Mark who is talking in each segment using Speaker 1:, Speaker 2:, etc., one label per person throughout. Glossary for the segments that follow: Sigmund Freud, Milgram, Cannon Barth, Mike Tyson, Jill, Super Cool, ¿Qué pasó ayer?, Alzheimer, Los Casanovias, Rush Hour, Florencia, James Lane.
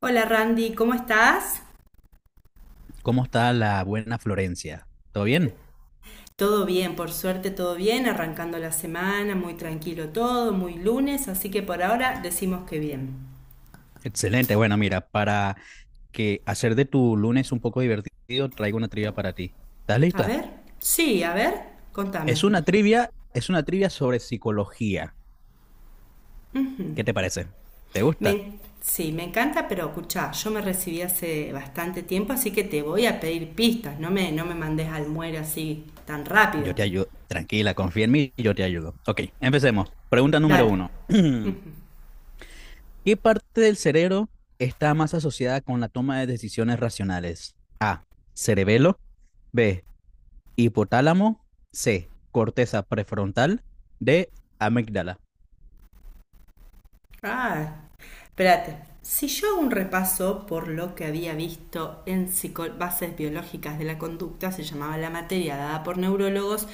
Speaker 1: Hola Randy, ¿cómo estás?
Speaker 2: ¿Cómo está la buena Florencia? ¿Todo bien?
Speaker 1: Todo bien, por suerte todo bien, arrancando la semana, muy tranquilo todo, muy lunes, así que por ahora decimos que bien.
Speaker 2: Excelente. Bueno, mira, para que hacer de tu lunes un poco divertido, traigo una trivia para ti. ¿Estás
Speaker 1: A
Speaker 2: lista?
Speaker 1: ver, sí, a ver, contame.
Speaker 2: Es una trivia sobre psicología. ¿Qué te parece? ¿Te gusta?
Speaker 1: Sí, me encanta, pero escuchá, yo me recibí hace bastante tiempo, así que te voy a pedir pistas, no me mandes al muere así tan rápido.
Speaker 2: Yo te ayudo. Tranquila, confía en mí, y yo te ayudo. Ok, empecemos. Pregunta número
Speaker 1: Dale.
Speaker 2: uno. ¿Qué parte del cerebro está más asociada con la toma de decisiones racionales? A. Cerebelo. B. Hipotálamo. C. Corteza prefrontal. D. Amígdala.
Speaker 1: Ah, Espérate. Si yo hago un repaso por lo que había visto en bases biológicas de la conducta, se llamaba la materia dada por neurólogos,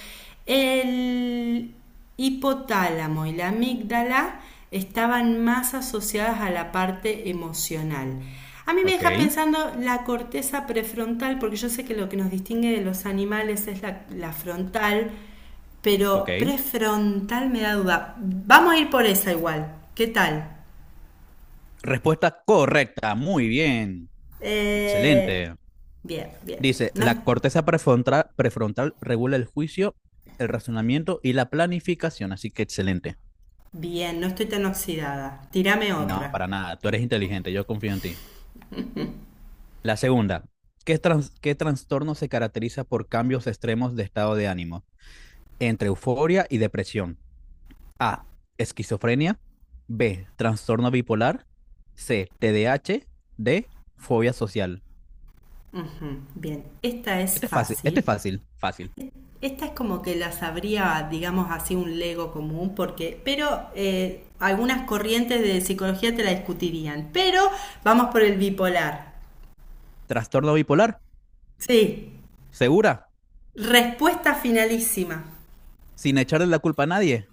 Speaker 1: el hipotálamo y la amígdala estaban más asociadas a la parte emocional. A mí me
Speaker 2: Ok,
Speaker 1: deja pensando la corteza prefrontal, porque yo sé que lo que nos distingue de los animales es la frontal, pero
Speaker 2: ok.
Speaker 1: prefrontal me da duda. Vamos a ir por esa igual. ¿Qué tal?
Speaker 2: Respuesta correcta. Muy bien.
Speaker 1: Eh,
Speaker 2: Excelente.
Speaker 1: bien, bien.
Speaker 2: Dice,
Speaker 1: No es-
Speaker 2: la corteza prefrontal, prefrontal regula el juicio, el razonamiento y la planificación. Así que excelente.
Speaker 1: Bien, no estoy tan oxidada. Tírame
Speaker 2: No,
Speaker 1: otra.
Speaker 2: para nada. Tú eres inteligente. Yo confío en ti. La segunda. ¿Qué trastorno se caracteriza por cambios extremos de estado de ánimo entre euforia y depresión? A. Esquizofrenia. B. Trastorno bipolar. C. TDAH. D. A H. D, Fobia social.
Speaker 1: Ujú, bien, esta es
Speaker 2: Este es
Speaker 1: fácil.
Speaker 2: fácil, fácil.
Speaker 1: Esta es como que la sabría, digamos así, un lego común, porque, pero algunas corrientes de psicología te la discutirían. Pero vamos por el bipolar.
Speaker 2: Trastorno bipolar.
Speaker 1: Sí,
Speaker 2: Segura.
Speaker 1: respuesta finalísima.
Speaker 2: Sin echarle la culpa a nadie.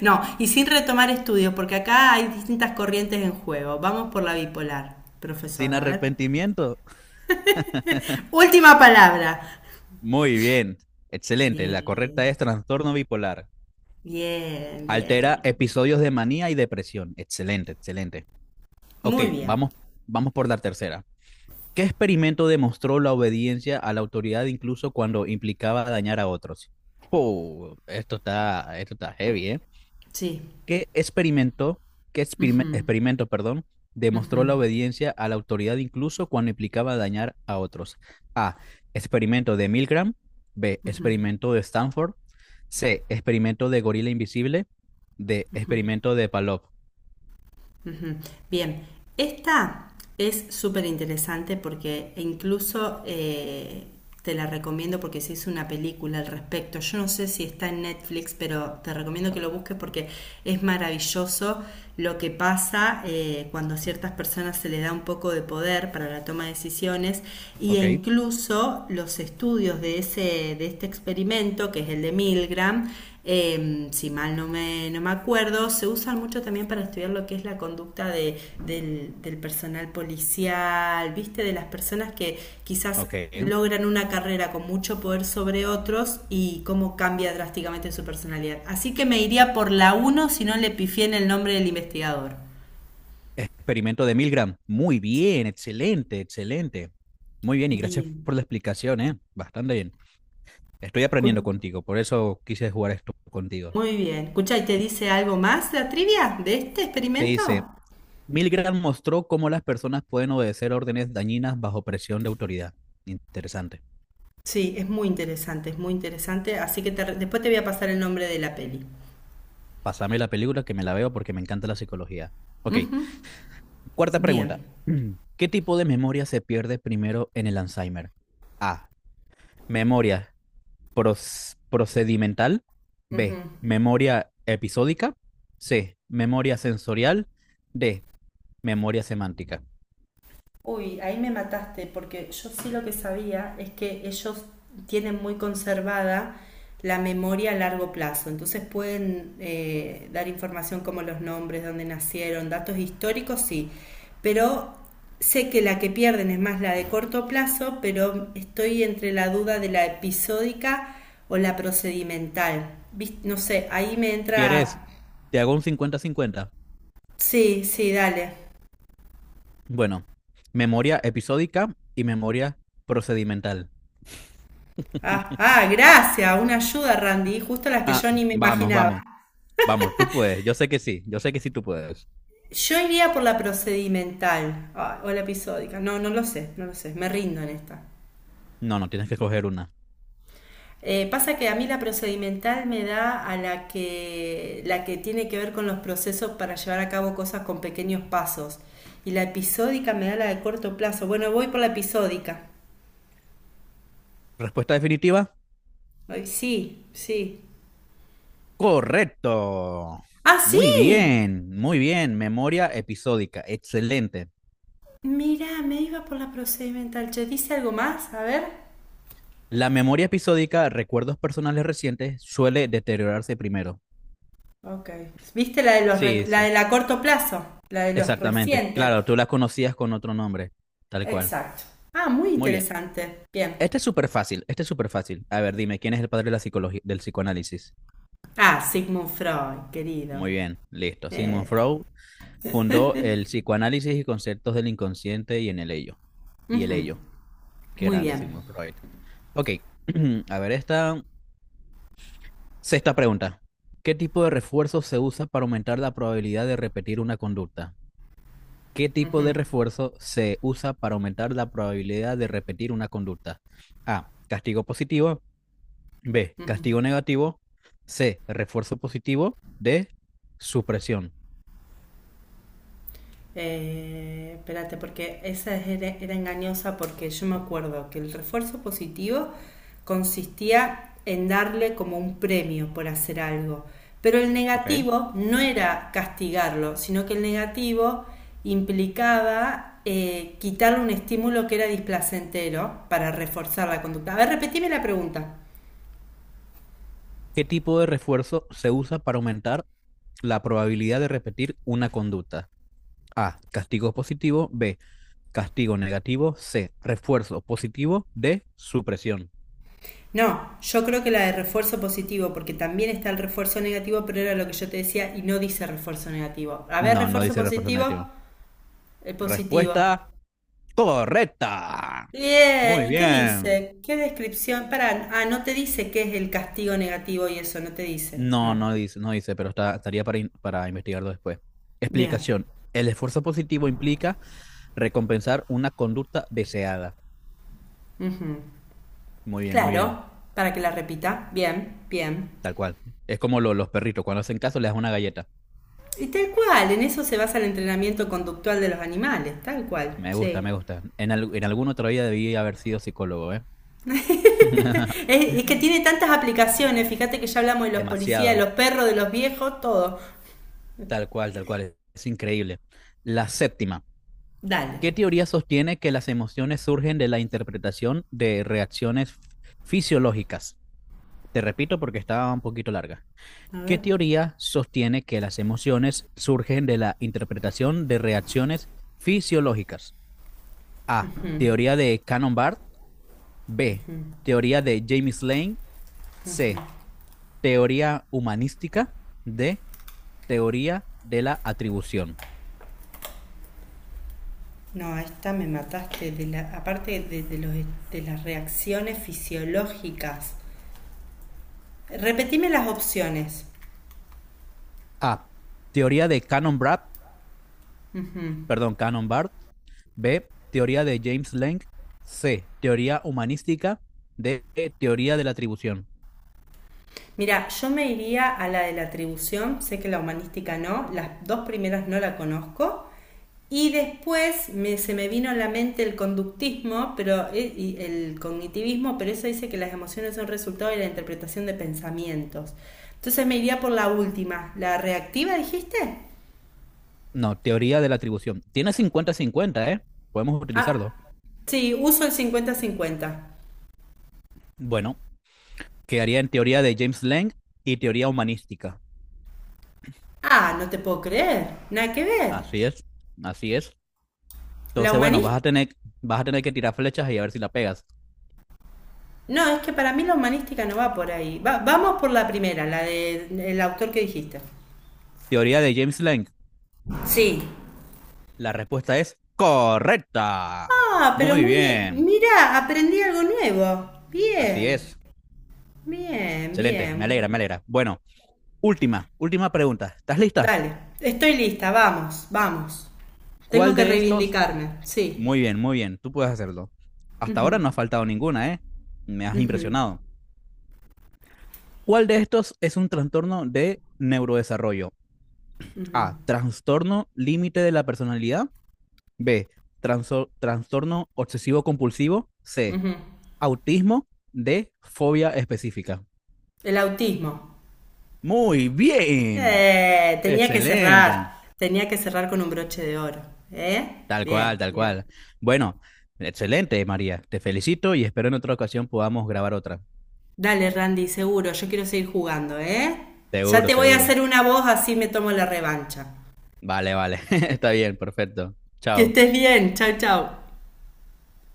Speaker 1: No, y sin retomar estudios, porque acá hay distintas corrientes en juego. Vamos por la bipolar,
Speaker 2: Sin
Speaker 1: profesor, a ver.
Speaker 2: arrepentimiento.
Speaker 1: Última palabra.
Speaker 2: Muy bien. Excelente. La
Speaker 1: Bien,
Speaker 2: correcta es trastorno bipolar.
Speaker 1: bien, bien,
Speaker 2: Altera
Speaker 1: bien.
Speaker 2: episodios de manía y depresión. Excelente, excelente. Ok,
Speaker 1: Muy bien,
Speaker 2: vamos por la tercera. ¿Qué experimento demostró la obediencia a la autoridad incluso cuando implicaba dañar a otros? Oh, esto está heavy, ¿eh?
Speaker 1: sí.
Speaker 2: ¿Qué experimento, qué experime- Experimento, perdón,
Speaker 1: Ujú.
Speaker 2: demostró la obediencia a la autoridad incluso cuando implicaba dañar a otros? A. Experimento de Milgram. B. Experimento de Stanford. C. Experimento de Gorila Invisible. D. Experimento de Palop.
Speaker 1: Ujú. Bien, esta es súper interesante porque incluso te la recomiendo porque se hizo una película al respecto. Yo no sé si está en Netflix, pero te recomiendo que lo busques porque es maravilloso lo que pasa cuando a ciertas personas se le da un poco de poder para la toma de decisiones y e
Speaker 2: Ok,
Speaker 1: incluso los estudios de, ese, de este experimento, que es el de Milgram, si mal no me acuerdo, se usan mucho también para estudiar lo que es la conducta de, del personal policial, ¿viste? De las personas que quizás
Speaker 2: ok.
Speaker 1: logran una carrera con mucho poder sobre otros y cómo cambia drásticamente su personalidad. Así que me iría por la uno si no le pifié en el nombre del investigador.
Speaker 2: Experimento de Milgram. Muy bien, excelente, excelente. Muy bien, y gracias
Speaker 1: Bien.
Speaker 2: por la explicación, ¿eh? Bastante bien. Estoy aprendiendo
Speaker 1: Cu-
Speaker 2: contigo, por eso quise jugar esto contigo.
Speaker 1: Muy bien. Escucha, ¿y te dice algo más la trivia de este
Speaker 2: Te dice,
Speaker 1: experimento?
Speaker 2: Milgram mostró cómo las personas pueden obedecer órdenes dañinas bajo presión de autoridad. Interesante.
Speaker 1: Sí, es muy interesante, es muy interesante. Así que después te voy a pasar el nombre de la peli.
Speaker 2: Pásame la película que me la veo porque me encanta la psicología. Ok,
Speaker 1: Ujú,
Speaker 2: cuarta
Speaker 1: bien.
Speaker 2: pregunta. ¿Qué tipo de memoria se pierde primero en el Alzheimer? A. Memoria procedimental.
Speaker 1: Ujú.
Speaker 2: B. Memoria episódica. C. Memoria sensorial. D. Memoria semántica.
Speaker 1: Uy, ahí me mataste, porque yo sí lo que sabía es que ellos tienen muy conservada la memoria a largo plazo, entonces pueden dar información como los nombres, dónde nacieron, datos históricos, sí, pero sé que la que pierden es más la de corto plazo, pero estoy entre la duda de la episódica o la procedimental. No sé, ahí me entra...
Speaker 2: ¿Quieres? Te hago un 50/50.
Speaker 1: Sí, sí, dale.
Speaker 2: Bueno, memoria episódica y memoria procedimental.
Speaker 1: Ah, ah, gracias, una ayuda, Randy, justo las que yo ni me
Speaker 2: Vamos,
Speaker 1: imaginaba.
Speaker 2: vamos, vamos, tú puedes. Yo sé que sí, tú puedes.
Speaker 1: Yo iría por la procedimental ah, o la episódica, no, no lo sé, no lo sé, me rindo en esta.
Speaker 2: No, no, tienes que coger una.
Speaker 1: Pasa que a mí la procedimental me da a la que tiene que ver con los procesos para llevar a cabo cosas con pequeños pasos. Y la episódica me da la de corto plazo. Bueno, voy por la episódica.
Speaker 2: Respuesta definitiva.
Speaker 1: Ay, sí, sí.
Speaker 2: Correcto.
Speaker 1: ¡Ah,
Speaker 2: Muy
Speaker 1: sí!
Speaker 2: bien, muy bien. Memoria episódica. Excelente.
Speaker 1: Mirá, me iba por la procedimental. Che, ¿dice algo más? A ver.
Speaker 2: La memoria episódica, recuerdos personales recientes, suele deteriorarse primero.
Speaker 1: Ok. ¿Viste la de los
Speaker 2: Sí,
Speaker 1: la
Speaker 2: sí,
Speaker 1: de la corto plazo? La de los
Speaker 2: exactamente.
Speaker 1: recientes.
Speaker 2: Claro, tú la conocías con otro nombre, tal cual.
Speaker 1: Exacto. Ah, muy
Speaker 2: Muy bien.
Speaker 1: interesante. Bien.
Speaker 2: Este es súper fácil, este es súper fácil. A ver, dime, ¿quién es el padre de la psicología, del psicoanálisis?
Speaker 1: Ah, Sigmund Freud, querido.
Speaker 2: Muy bien, listo. Sigmund
Speaker 1: Eh,
Speaker 2: Freud fundó el psicoanálisis y conceptos del inconsciente y en el ello. Y el
Speaker 1: ujú,
Speaker 2: ello, qué
Speaker 1: muy
Speaker 2: grande
Speaker 1: bien.
Speaker 2: Sigmund Freud. Ok, a ver, esta sexta pregunta. ¿Qué tipo de refuerzo se usa para aumentar la probabilidad de repetir una conducta? ¿Qué
Speaker 1: Ujú,
Speaker 2: tipo
Speaker 1: ujú.
Speaker 2: de refuerzo se usa para aumentar la probabilidad de repetir una conducta? A. Castigo positivo. B. Castigo negativo. C. Refuerzo positivo. D. Supresión.
Speaker 1: Espérate, porque esa era engañosa porque yo me acuerdo que el refuerzo positivo consistía en darle como un premio por hacer algo. Pero el
Speaker 2: ¿Ok?
Speaker 1: negativo no era castigarlo, sino que el negativo implicaba quitarle un estímulo que era displacentero para reforzar la conducta. A ver, repetime la pregunta.
Speaker 2: ¿Qué tipo de refuerzo se usa para aumentar la probabilidad de repetir una conducta? A. Castigo positivo. B. Castigo negativo. C. Refuerzo positivo. D. Supresión.
Speaker 1: No, yo creo que la de refuerzo positivo, porque también está el refuerzo negativo, pero era lo que yo te decía y no dice refuerzo negativo. A ver,
Speaker 2: No, no
Speaker 1: refuerzo
Speaker 2: dice refuerzo
Speaker 1: positivo,
Speaker 2: negativo.
Speaker 1: el positivo.
Speaker 2: Respuesta correcta.
Speaker 1: Bien,
Speaker 2: Muy
Speaker 1: ¿y qué
Speaker 2: bien.
Speaker 1: dice? ¿Qué descripción? Para, ah, no te dice qué es el castigo negativo y eso, no te dice.
Speaker 2: No,
Speaker 1: No.
Speaker 2: no dice, no dice, pero está, estaría para, para investigarlo después.
Speaker 1: Bien.
Speaker 2: Explicación. El esfuerzo positivo implica recompensar una conducta deseada.
Speaker 1: Ujú.
Speaker 2: Muy bien, muy bien.
Speaker 1: Claro, para que la repita. Bien, bien.
Speaker 2: Tal cual. Es como los perritos. Cuando hacen caso, les das una galleta.
Speaker 1: Y tal cual, en eso se basa el entrenamiento conductual de los animales, tal cual,
Speaker 2: Me gusta,
Speaker 1: sí.
Speaker 2: me gusta. En alguna otra vida debí haber sido psicólogo, ¿eh?
Speaker 1: Es que tiene tantas aplicaciones. Fíjate que ya hablamos de los policías, de
Speaker 2: Demasiado.
Speaker 1: los perros, de los viejos, todo.
Speaker 2: Tal cual, tal cual. Es increíble. La séptima.
Speaker 1: Dale.
Speaker 2: ¿Qué teoría sostiene que las emociones surgen de la interpretación de reacciones fisiológicas? Te repito porque estaba un poquito larga.
Speaker 1: A
Speaker 2: ¿Qué
Speaker 1: ver.
Speaker 2: teoría sostiene que las emociones surgen de la interpretación de reacciones fisiológicas? A. Teoría de cannon Barth. B. Teoría de James Lane. C. Teoría humanística. D. Teoría de la atribución.
Speaker 1: No, a esta me mataste. De la, aparte de los, de las reacciones fisiológicas. Repetime las opciones.
Speaker 2: A. Teoría de cannon Barth.
Speaker 1: Ujú.
Speaker 2: Perdón, cannon Barth. B. Teoría de James Lane. C. Teoría humanística. D. Teoría de la atribución.
Speaker 1: Mira, yo me iría a la de la atribución, sé que la humanística no, las dos primeras no la conozco, y después se me vino a la mente el conductismo pero, y el cognitivismo, pero eso dice que las emociones son resultado de la interpretación de pensamientos. Entonces me iría por la última, la reactiva, dijiste.
Speaker 2: No, teoría de la atribución. Tiene cincuenta-cincuenta, ¿eh? Podemos
Speaker 1: Ah,
Speaker 2: utilizarlo.
Speaker 1: sí, uso el 50/50.
Speaker 2: Bueno, quedaría en teoría de James Lang y teoría humanística.
Speaker 1: Ah, no te puedo creer, nada que ver.
Speaker 2: Así es, así es.
Speaker 1: La
Speaker 2: Entonces, bueno,
Speaker 1: humanista.
Speaker 2: vas a tener que tirar flechas y a ver si la pegas.
Speaker 1: No, es que para mí la humanística no va por ahí. Vamos por la primera, la del autor que dijiste.
Speaker 2: Teoría de James Lang.
Speaker 1: Sí.
Speaker 2: La respuesta es correcta.
Speaker 1: Ah, pero
Speaker 2: Muy
Speaker 1: muy bien.
Speaker 2: bien.
Speaker 1: Mira, aprendí algo nuevo.
Speaker 2: Así
Speaker 1: Bien.
Speaker 2: es.
Speaker 1: Bien,
Speaker 2: Excelente. Me alegra,
Speaker 1: bien.
Speaker 2: me alegra. Bueno, última, última pregunta. ¿Estás lista?
Speaker 1: Dale, estoy lista, vamos, vamos. Tengo
Speaker 2: ¿Cuál
Speaker 1: que
Speaker 2: de estos?
Speaker 1: reivindicarme, sí.
Speaker 2: Muy bien, muy bien. Tú puedes hacerlo. Hasta ahora
Speaker 1: Ujú,
Speaker 2: no ha faltado ninguna, ¿eh? Me has
Speaker 1: ujú,
Speaker 2: impresionado. ¿Cuál de estos es un trastorno de neurodesarrollo? A. Trastorno límite de la personalidad. B. Trastorno obsesivo compulsivo. C.
Speaker 1: ujú.
Speaker 2: Autismo. D. Fobia específica.
Speaker 1: El autismo.
Speaker 2: Muy bien. Excelente.
Speaker 1: Tenía que cerrar con un broche de oro, ¿eh?
Speaker 2: Tal
Speaker 1: Bien,
Speaker 2: cual, tal
Speaker 1: bien.
Speaker 2: cual. Bueno, excelente, María. Te felicito y espero en otra ocasión podamos grabar otra.
Speaker 1: Dale, Randy, seguro, yo quiero seguir jugando, ¿eh? Ya
Speaker 2: Seguro,
Speaker 1: te voy a
Speaker 2: seguro.
Speaker 1: hacer una voz, así me tomo la revancha.
Speaker 2: Vale, vale. Está bien, perfecto.
Speaker 1: Que
Speaker 2: Chao.
Speaker 1: estés bien, chau, chau.